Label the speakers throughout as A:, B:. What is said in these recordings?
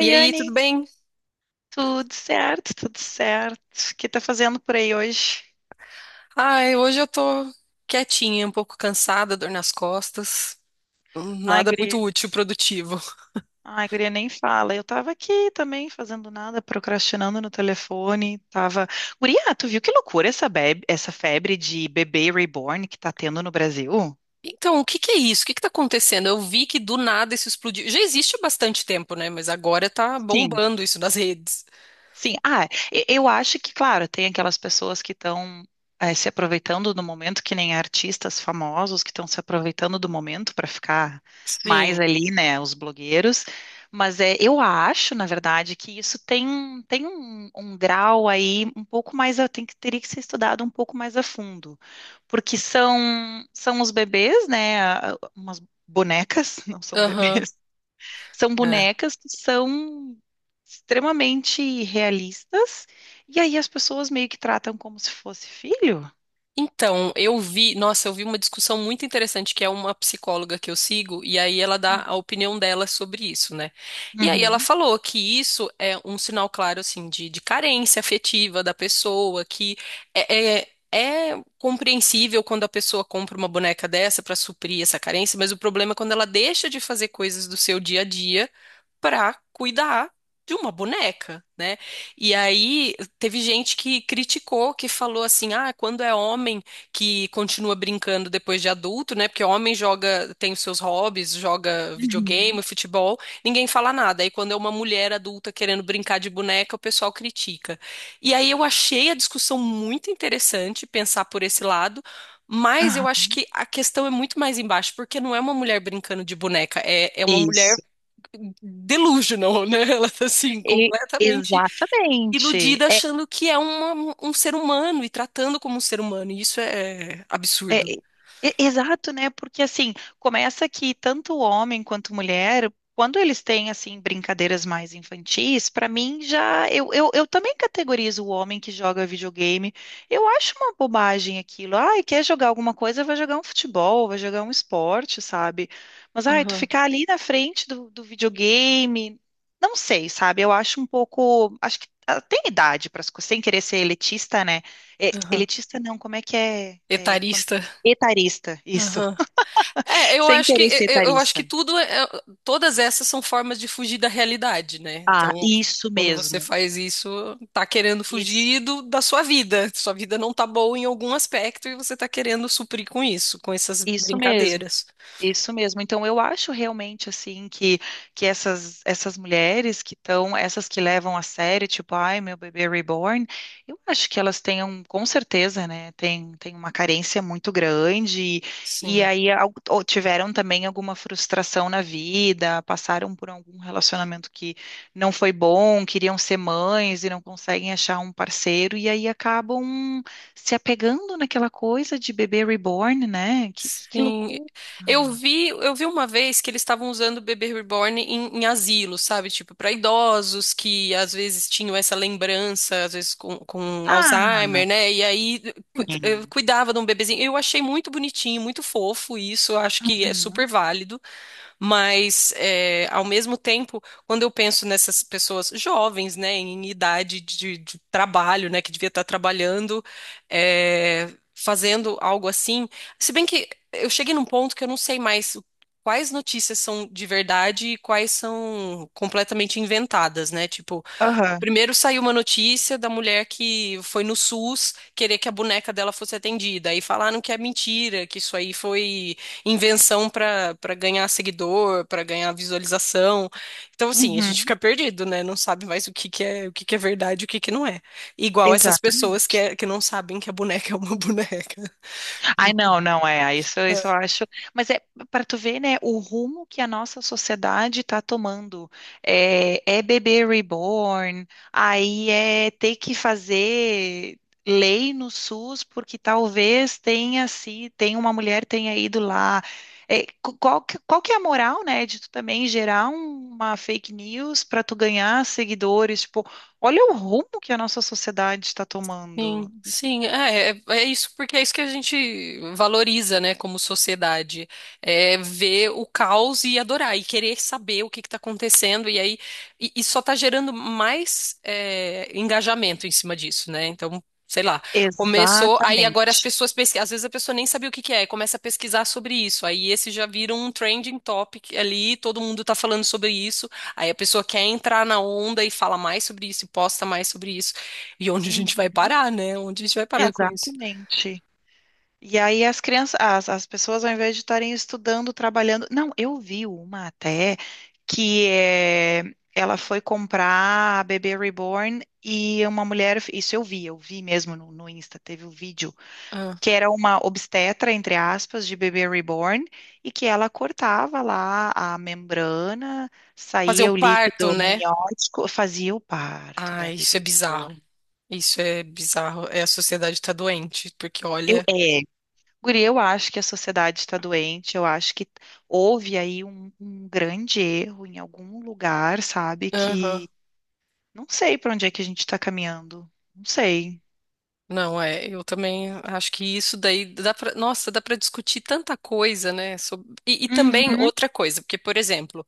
A: E aí,
B: Anne,
A: tudo bem?
B: tudo certo, tudo certo. O que tá fazendo por aí hoje?
A: Ai, hoje eu tô quietinha, um pouco cansada, dor nas costas.
B: Ai,
A: Nada
B: guria,
A: muito útil, produtivo.
B: nem fala. Eu tava aqui também fazendo nada, procrastinando no telefone. Tava. Guria, tu viu que loucura essa, essa febre de bebê reborn que tá tendo no Brasil?
A: Então, o que que é isso? O que que tá acontecendo? Eu vi que do nada isso explodiu. Já existe há bastante tempo, né? Mas agora tá
B: Sim.
A: bombando isso nas redes.
B: Sim, eu acho que, claro, tem aquelas pessoas que estão se aproveitando do momento, que nem artistas famosos que estão se aproveitando do momento para ficar mais
A: Sim.
B: ali, né, os blogueiros. Mas é, eu acho, na verdade, que isso tem, um grau aí um pouco mais, tem que, teria que ser estudado um pouco mais a fundo, porque são, são os bebês, né, umas bonecas, não são
A: Aham.
B: bebês, são bonecas que são extremamente realistas, e aí as pessoas meio que tratam como se fosse filho.
A: Então, eu vi, nossa, eu vi uma discussão muito interessante que é uma psicóloga que eu sigo, e aí ela dá a opinião dela sobre isso, né? E aí ela
B: Uhum,
A: falou que isso é um sinal claro, assim, de carência afetiva da pessoa, que é, é, é compreensível quando a pessoa compra uma boneca dessa para suprir essa carência, mas o problema é quando ela deixa de fazer coisas do seu dia a dia para cuidar de uma boneca, né? E aí teve gente que criticou, que falou assim: "Ah, quando é homem que continua brincando depois de adulto, né? Porque homem joga, tem os seus hobbies, joga
B: uhum,
A: videogame, futebol, ninguém fala nada. Aí quando é uma mulher adulta querendo brincar de boneca, o pessoal critica". E aí eu achei a discussão muito interessante pensar por esse lado. Mas eu
B: aham.
A: acho que a questão é muito mais embaixo, porque não é uma mulher brincando de boneca, é uma mulher
B: Isso.
A: delusional, né? Ela tá assim, completamente
B: Exatamente.
A: iludida, achando que é uma- um ser humano e tratando como um ser humano. E isso é
B: É,
A: absurdo.
B: e- exato, né? Porque assim, começa que tanto o homem quanto mulher, quando eles têm assim brincadeiras mais infantis, pra mim já eu também categorizo o homem que joga videogame. Eu acho uma bobagem aquilo. Ai, quer jogar alguma coisa, vai jogar um futebol, vai jogar um esporte, sabe? Mas ai, tu
A: Aham,
B: ficar ali na frente do videogame, não sei, sabe? Eu acho um pouco, acho que ah, tem idade para sem querer ser elitista, né? É,
A: aham.
B: elitista não, como é que é? É,
A: Etarista.
B: etarista, isso.
A: Aham. É, eu
B: Sem
A: acho que
B: querer ser
A: eu acho
B: etarista.
A: que tudo é, todas essas são formas de fugir da realidade, né?
B: Ah,
A: Então,
B: isso
A: quando você
B: mesmo.
A: faz isso, tá querendo
B: Isso,
A: fugir do- da sua vida. Sua vida não tá boa em algum aspecto e você tá querendo suprir com isso, com essas
B: isso mesmo.
A: brincadeiras.
B: Isso mesmo. Então, eu acho realmente assim que essas, essas mulheres que estão, essas que levam a sério, tipo, ai, meu bebê reborn, eu acho que elas tenham, com certeza, né, tem, tem uma carência muito grande, e
A: Sim.
B: aí ou tiveram também alguma frustração na vida, passaram por algum relacionamento que não foi bom, queriam ser mães e não conseguem achar um parceiro, e aí acabam se apegando naquela coisa de bebê reborn, né? Que
A: Sim,
B: loucura!
A: eu vi uma vez que eles estavam usando o bebê reborn em, em asilo, sabe? Tipo, para idosos que às vezes tinham essa lembrança, às vezes com
B: Ah,
A: Alzheimer, né? E aí
B: é.
A: cuidava de um bebezinho. Eu achei muito bonitinho, muito fofo isso, eu acho que é super
B: Uhum.
A: válido. Mas, é, ao mesmo tempo, quando eu penso nessas pessoas jovens, né, em idade de trabalho, né, que devia estar trabalhando, é, fazendo algo assim, se bem que eu cheguei num ponto que eu não sei mais o- quais notícias são de verdade e quais são completamente inventadas, né? Tipo,
B: Aham.
A: primeiro saiu uma notícia da mulher que foi no SUS querer que a boneca dela fosse atendida. Aí falaram que é mentira, que isso aí foi invenção para ganhar seguidor, para ganhar visualização. Então, assim, a gente
B: Uhum.
A: fica perdido, né? Não sabe mais o que que é, o que que é verdade, e o que que não é. Igual essas pessoas que,
B: Exatamente.
A: é- que não sabem que a boneca é uma boneca.
B: Ai, não, não é. Ai, isso eu acho. Mas é para tu ver, né, o rumo que a nossa sociedade está tomando. É, é bebê reborn, aí é ter que fazer lei no SUS porque talvez tenha se tem uma mulher tenha ido lá. É, qual que é a moral, né, de tu também gerar uma fake news para tu ganhar seguidores? Tipo, olha o rumo que a nossa sociedade está tomando.
A: Sim, sim, é isso, porque é isso que a gente valoriza, né, como sociedade, é ver o caos e adorar, e querer saber o que está acontecendo, e aí, e só está gerando mais é, engajamento em cima disso, né, então, sei lá, começou, aí agora as
B: Exatamente.
A: pessoas pesquisam, às vezes a pessoa nem sabia o que que é, e começa a pesquisar sobre isso, aí esse já vira um trending topic ali, todo mundo está falando sobre isso, aí a pessoa quer entrar na onda e fala mais sobre isso, e posta mais sobre isso, e onde a gente vai parar, né? Onde a gente vai parar com isso?
B: Exatamente. E aí as crianças, as pessoas, ao invés de estarem estudando, trabalhando. Não, eu vi uma até que é, ela foi comprar a bebê reborn e uma mulher. Isso eu vi mesmo no, no Insta, teve o vídeo,
A: Ah,
B: que era uma obstetra, entre aspas, de bebê reborn, e que ela cortava lá a membrana,
A: fazer o
B: saía o
A: parto,
B: líquido
A: né?
B: amniótico, fazia o parto da
A: Ah, isso é
B: bebê reborn.
A: bizarro. Isso é bizarro. É, a sociedade tá doente, porque
B: Eu,
A: olha.
B: é, Guri, eu acho que a sociedade está doente, eu acho que houve aí um grande erro em algum lugar, sabe?
A: Aham.
B: Que não sei para onde é que a gente está caminhando, não sei.
A: Não, é. Eu também acho que isso daí dá pra. Nossa, dá pra discutir tanta coisa, né? E também
B: Uhum,
A: outra coisa, porque, por exemplo,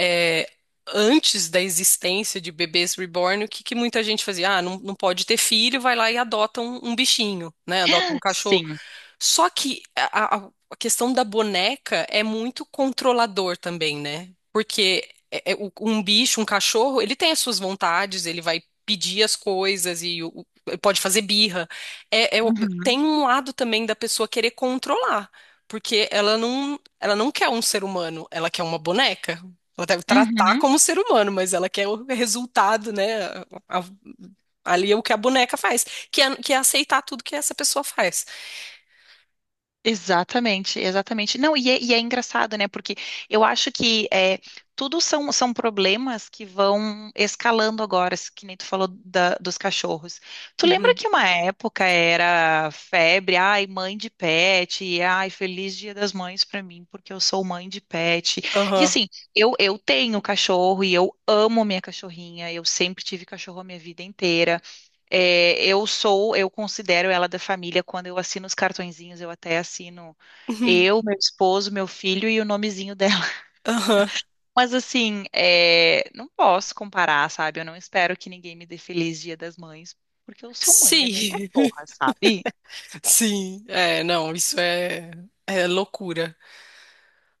A: é, antes da existência de bebês reborn, o que, que muita gente fazia? Ah, não, não pode ter filho, vai lá e adota um bichinho, né? Adota um cachorro.
B: sim.
A: Só que a questão da boneca é muito controlador também, né? Porque um bicho, um cachorro, ele tem as suas vontades, ele vai pedir as coisas e pode fazer birra. É- é o-
B: Uhum,
A: Tem um lado também da pessoa querer controlar, porque ela não quer um ser humano, ela quer uma boneca. Ela deve tratar
B: uhum.
A: como ser humano, mas ela quer o resultado, né? A- a- Ali é o que a boneca faz, que é aceitar tudo que essa pessoa faz.
B: Exatamente, exatamente. Não, e é engraçado, né? Porque eu acho que é, tudo são, são problemas que vão escalando agora, que nem tu falou dos cachorros. Tu lembra que uma época era febre, ai, mãe de pet, ai, feliz Dia das Mães pra mim, porque eu sou mãe de pet. E
A: Aham.
B: assim, eu tenho cachorro e eu amo minha cachorrinha, eu sempre tive cachorro a minha vida inteira. É, eu sou, eu considero ela da família. Quando eu assino os cartõezinhos, eu até assino
A: Uhum.
B: eu, meu esposo, meu filho e o nomezinho dela.
A: Aham.
B: Mas assim, é, não posso comparar, sabe? Eu não espero que ninguém me dê feliz Dia das Mães, porque eu sou mãe da minha
A: Sim.
B: cachorra, sabe?
A: Sim. É, não, isso é, é loucura.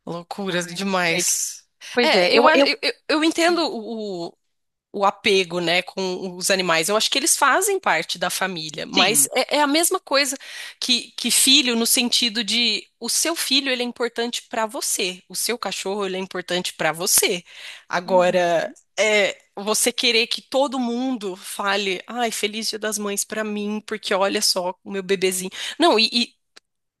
A: Loucura
B: Ai, não sei.
A: demais.
B: Pois é,
A: É, eu, a- eu, eu entendo o apego, né, com os animais. Eu acho que eles fazem parte da família, mas
B: sim.
A: é a mesma coisa que filho, no sentido de o seu filho ele é importante para você, o seu cachorro ele é importante para você.
B: Uhum.
A: Agora, é, você querer que todo mundo fale, ai, feliz Dia das Mães para mim, porque olha só o meu bebezinho. Não, e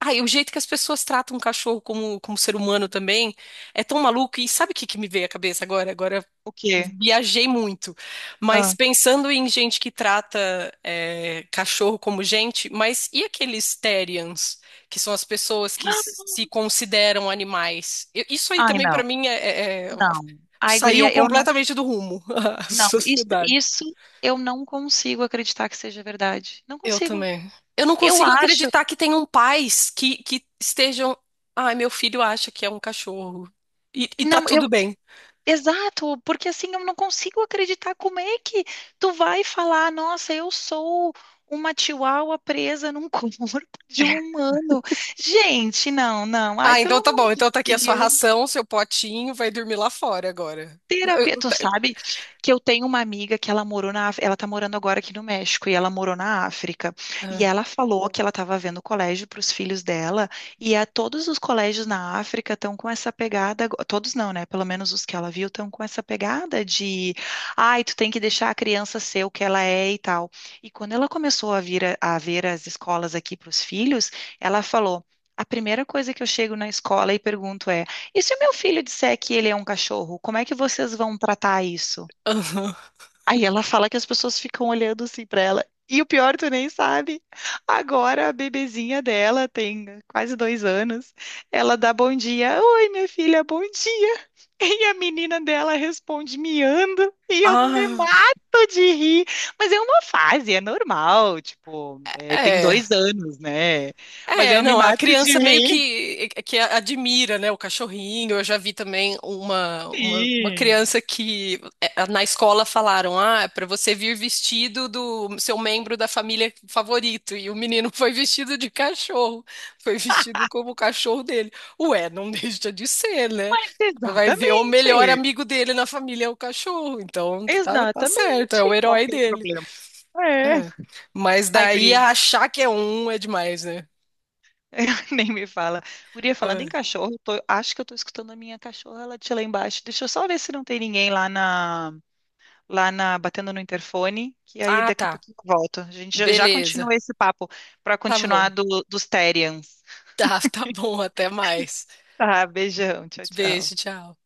A: ai, o jeito que as pessoas tratam o cachorro como ser humano também é tão maluco. E sabe o que que me veio à cabeça agora? Agora
B: O quê?
A: viajei muito. Mas
B: Ah.
A: pensando em gente que trata é, cachorro como gente, mas e aqueles terians, que são as pessoas que se consideram animais? Eu- isso aí
B: Ai,
A: também, para
B: não,
A: mim,
B: não. Ai,
A: saiu
B: guria, eu não,
A: completamente do rumo, a
B: não. Isso,
A: sociedade.
B: isso eu não consigo acreditar que seja verdade. Não
A: Eu
B: consigo.
A: também. Eu não
B: Eu
A: consigo
B: acho.
A: acreditar que tenham pais que estejam. Ai, meu filho acha que é um cachorro. E tá
B: Não,
A: tudo
B: eu.
A: bem.
B: Exato, porque assim eu não consigo acreditar como é que tu vai falar, nossa, eu sou uma chihuahua presa num corpo de um humano. Gente, não, não. Ai,
A: Ah,
B: pelo
A: então tá
B: amor
A: bom.
B: de
A: Então tá aqui a sua
B: Deus.
A: ração, seu potinho, vai dormir lá fora agora.
B: Terapia,
A: Eu-
B: tu sabe que eu tenho uma amiga que ela morou na, ela tá morando agora aqui no México e ela morou na África. E
A: ah,
B: ela falou que ela estava vendo colégio para os filhos dela e a todos os colégios na África estão com essa pegada, todos não, né? Pelo menos os que ela viu estão com essa pegada de, ai, tu tem que deixar a criança ser o que ela é e tal. E quando ela começou a vir a ver as escolas aqui para os filhos, ela falou: a primeira coisa que eu chego na escola e pergunto é e se o meu filho disser que ele é um cachorro, como é que vocês vão tratar isso?
A: aham.
B: Aí ela fala que as pessoas ficam olhando assim pra ela. E o pior, tu nem sabe. Agora a bebezinha dela tem quase 2 anos. Ela dá bom dia. Oi, minha filha, bom dia. E a menina dela responde miando. E eu me mato de rir. Mas é uma fase, é normal. Tipo,
A: Ah,
B: é, tem
A: é.
B: 2 anos, né? Mas
A: É,
B: eu me
A: não, a
B: mato de
A: criança meio
B: rir.
A: que, é, que admira, né, o cachorrinho. Eu já vi também uma
B: Sim.
A: criança que eh, na escola falaram, ah, é para você vir vestido do seu membro da família favorito. E o menino foi vestido de cachorro, foi vestido como o cachorro dele. Ué, não deixa de ser, né?
B: Mas
A: Vai ver o melhor
B: exatamente,
A: amigo dele na família é o cachorro, então tá, tá certo, é
B: exatamente.
A: o
B: Qual
A: herói
B: que é o
A: dele.
B: problema? É.
A: É. Mas
B: Ai,
A: daí
B: guria,
A: achar que é um é demais, né?
B: nem me fala. Guria, falando em
A: É.
B: cachorro, acho que eu tô escutando a minha cachorra latir lá embaixo. Deixa eu só ver se não tem ninguém lá na, batendo no interfone, que aí
A: Ah,
B: daqui a
A: tá.
B: pouquinho eu volto. A gente já, já continua
A: Beleza.
B: esse papo para
A: Tá
B: continuar
A: bom.
B: dos Therians.
A: Tá, tá bom. Até mais.
B: Tá, beijão, tchau,
A: Beijo,
B: tchau.
A: tchau.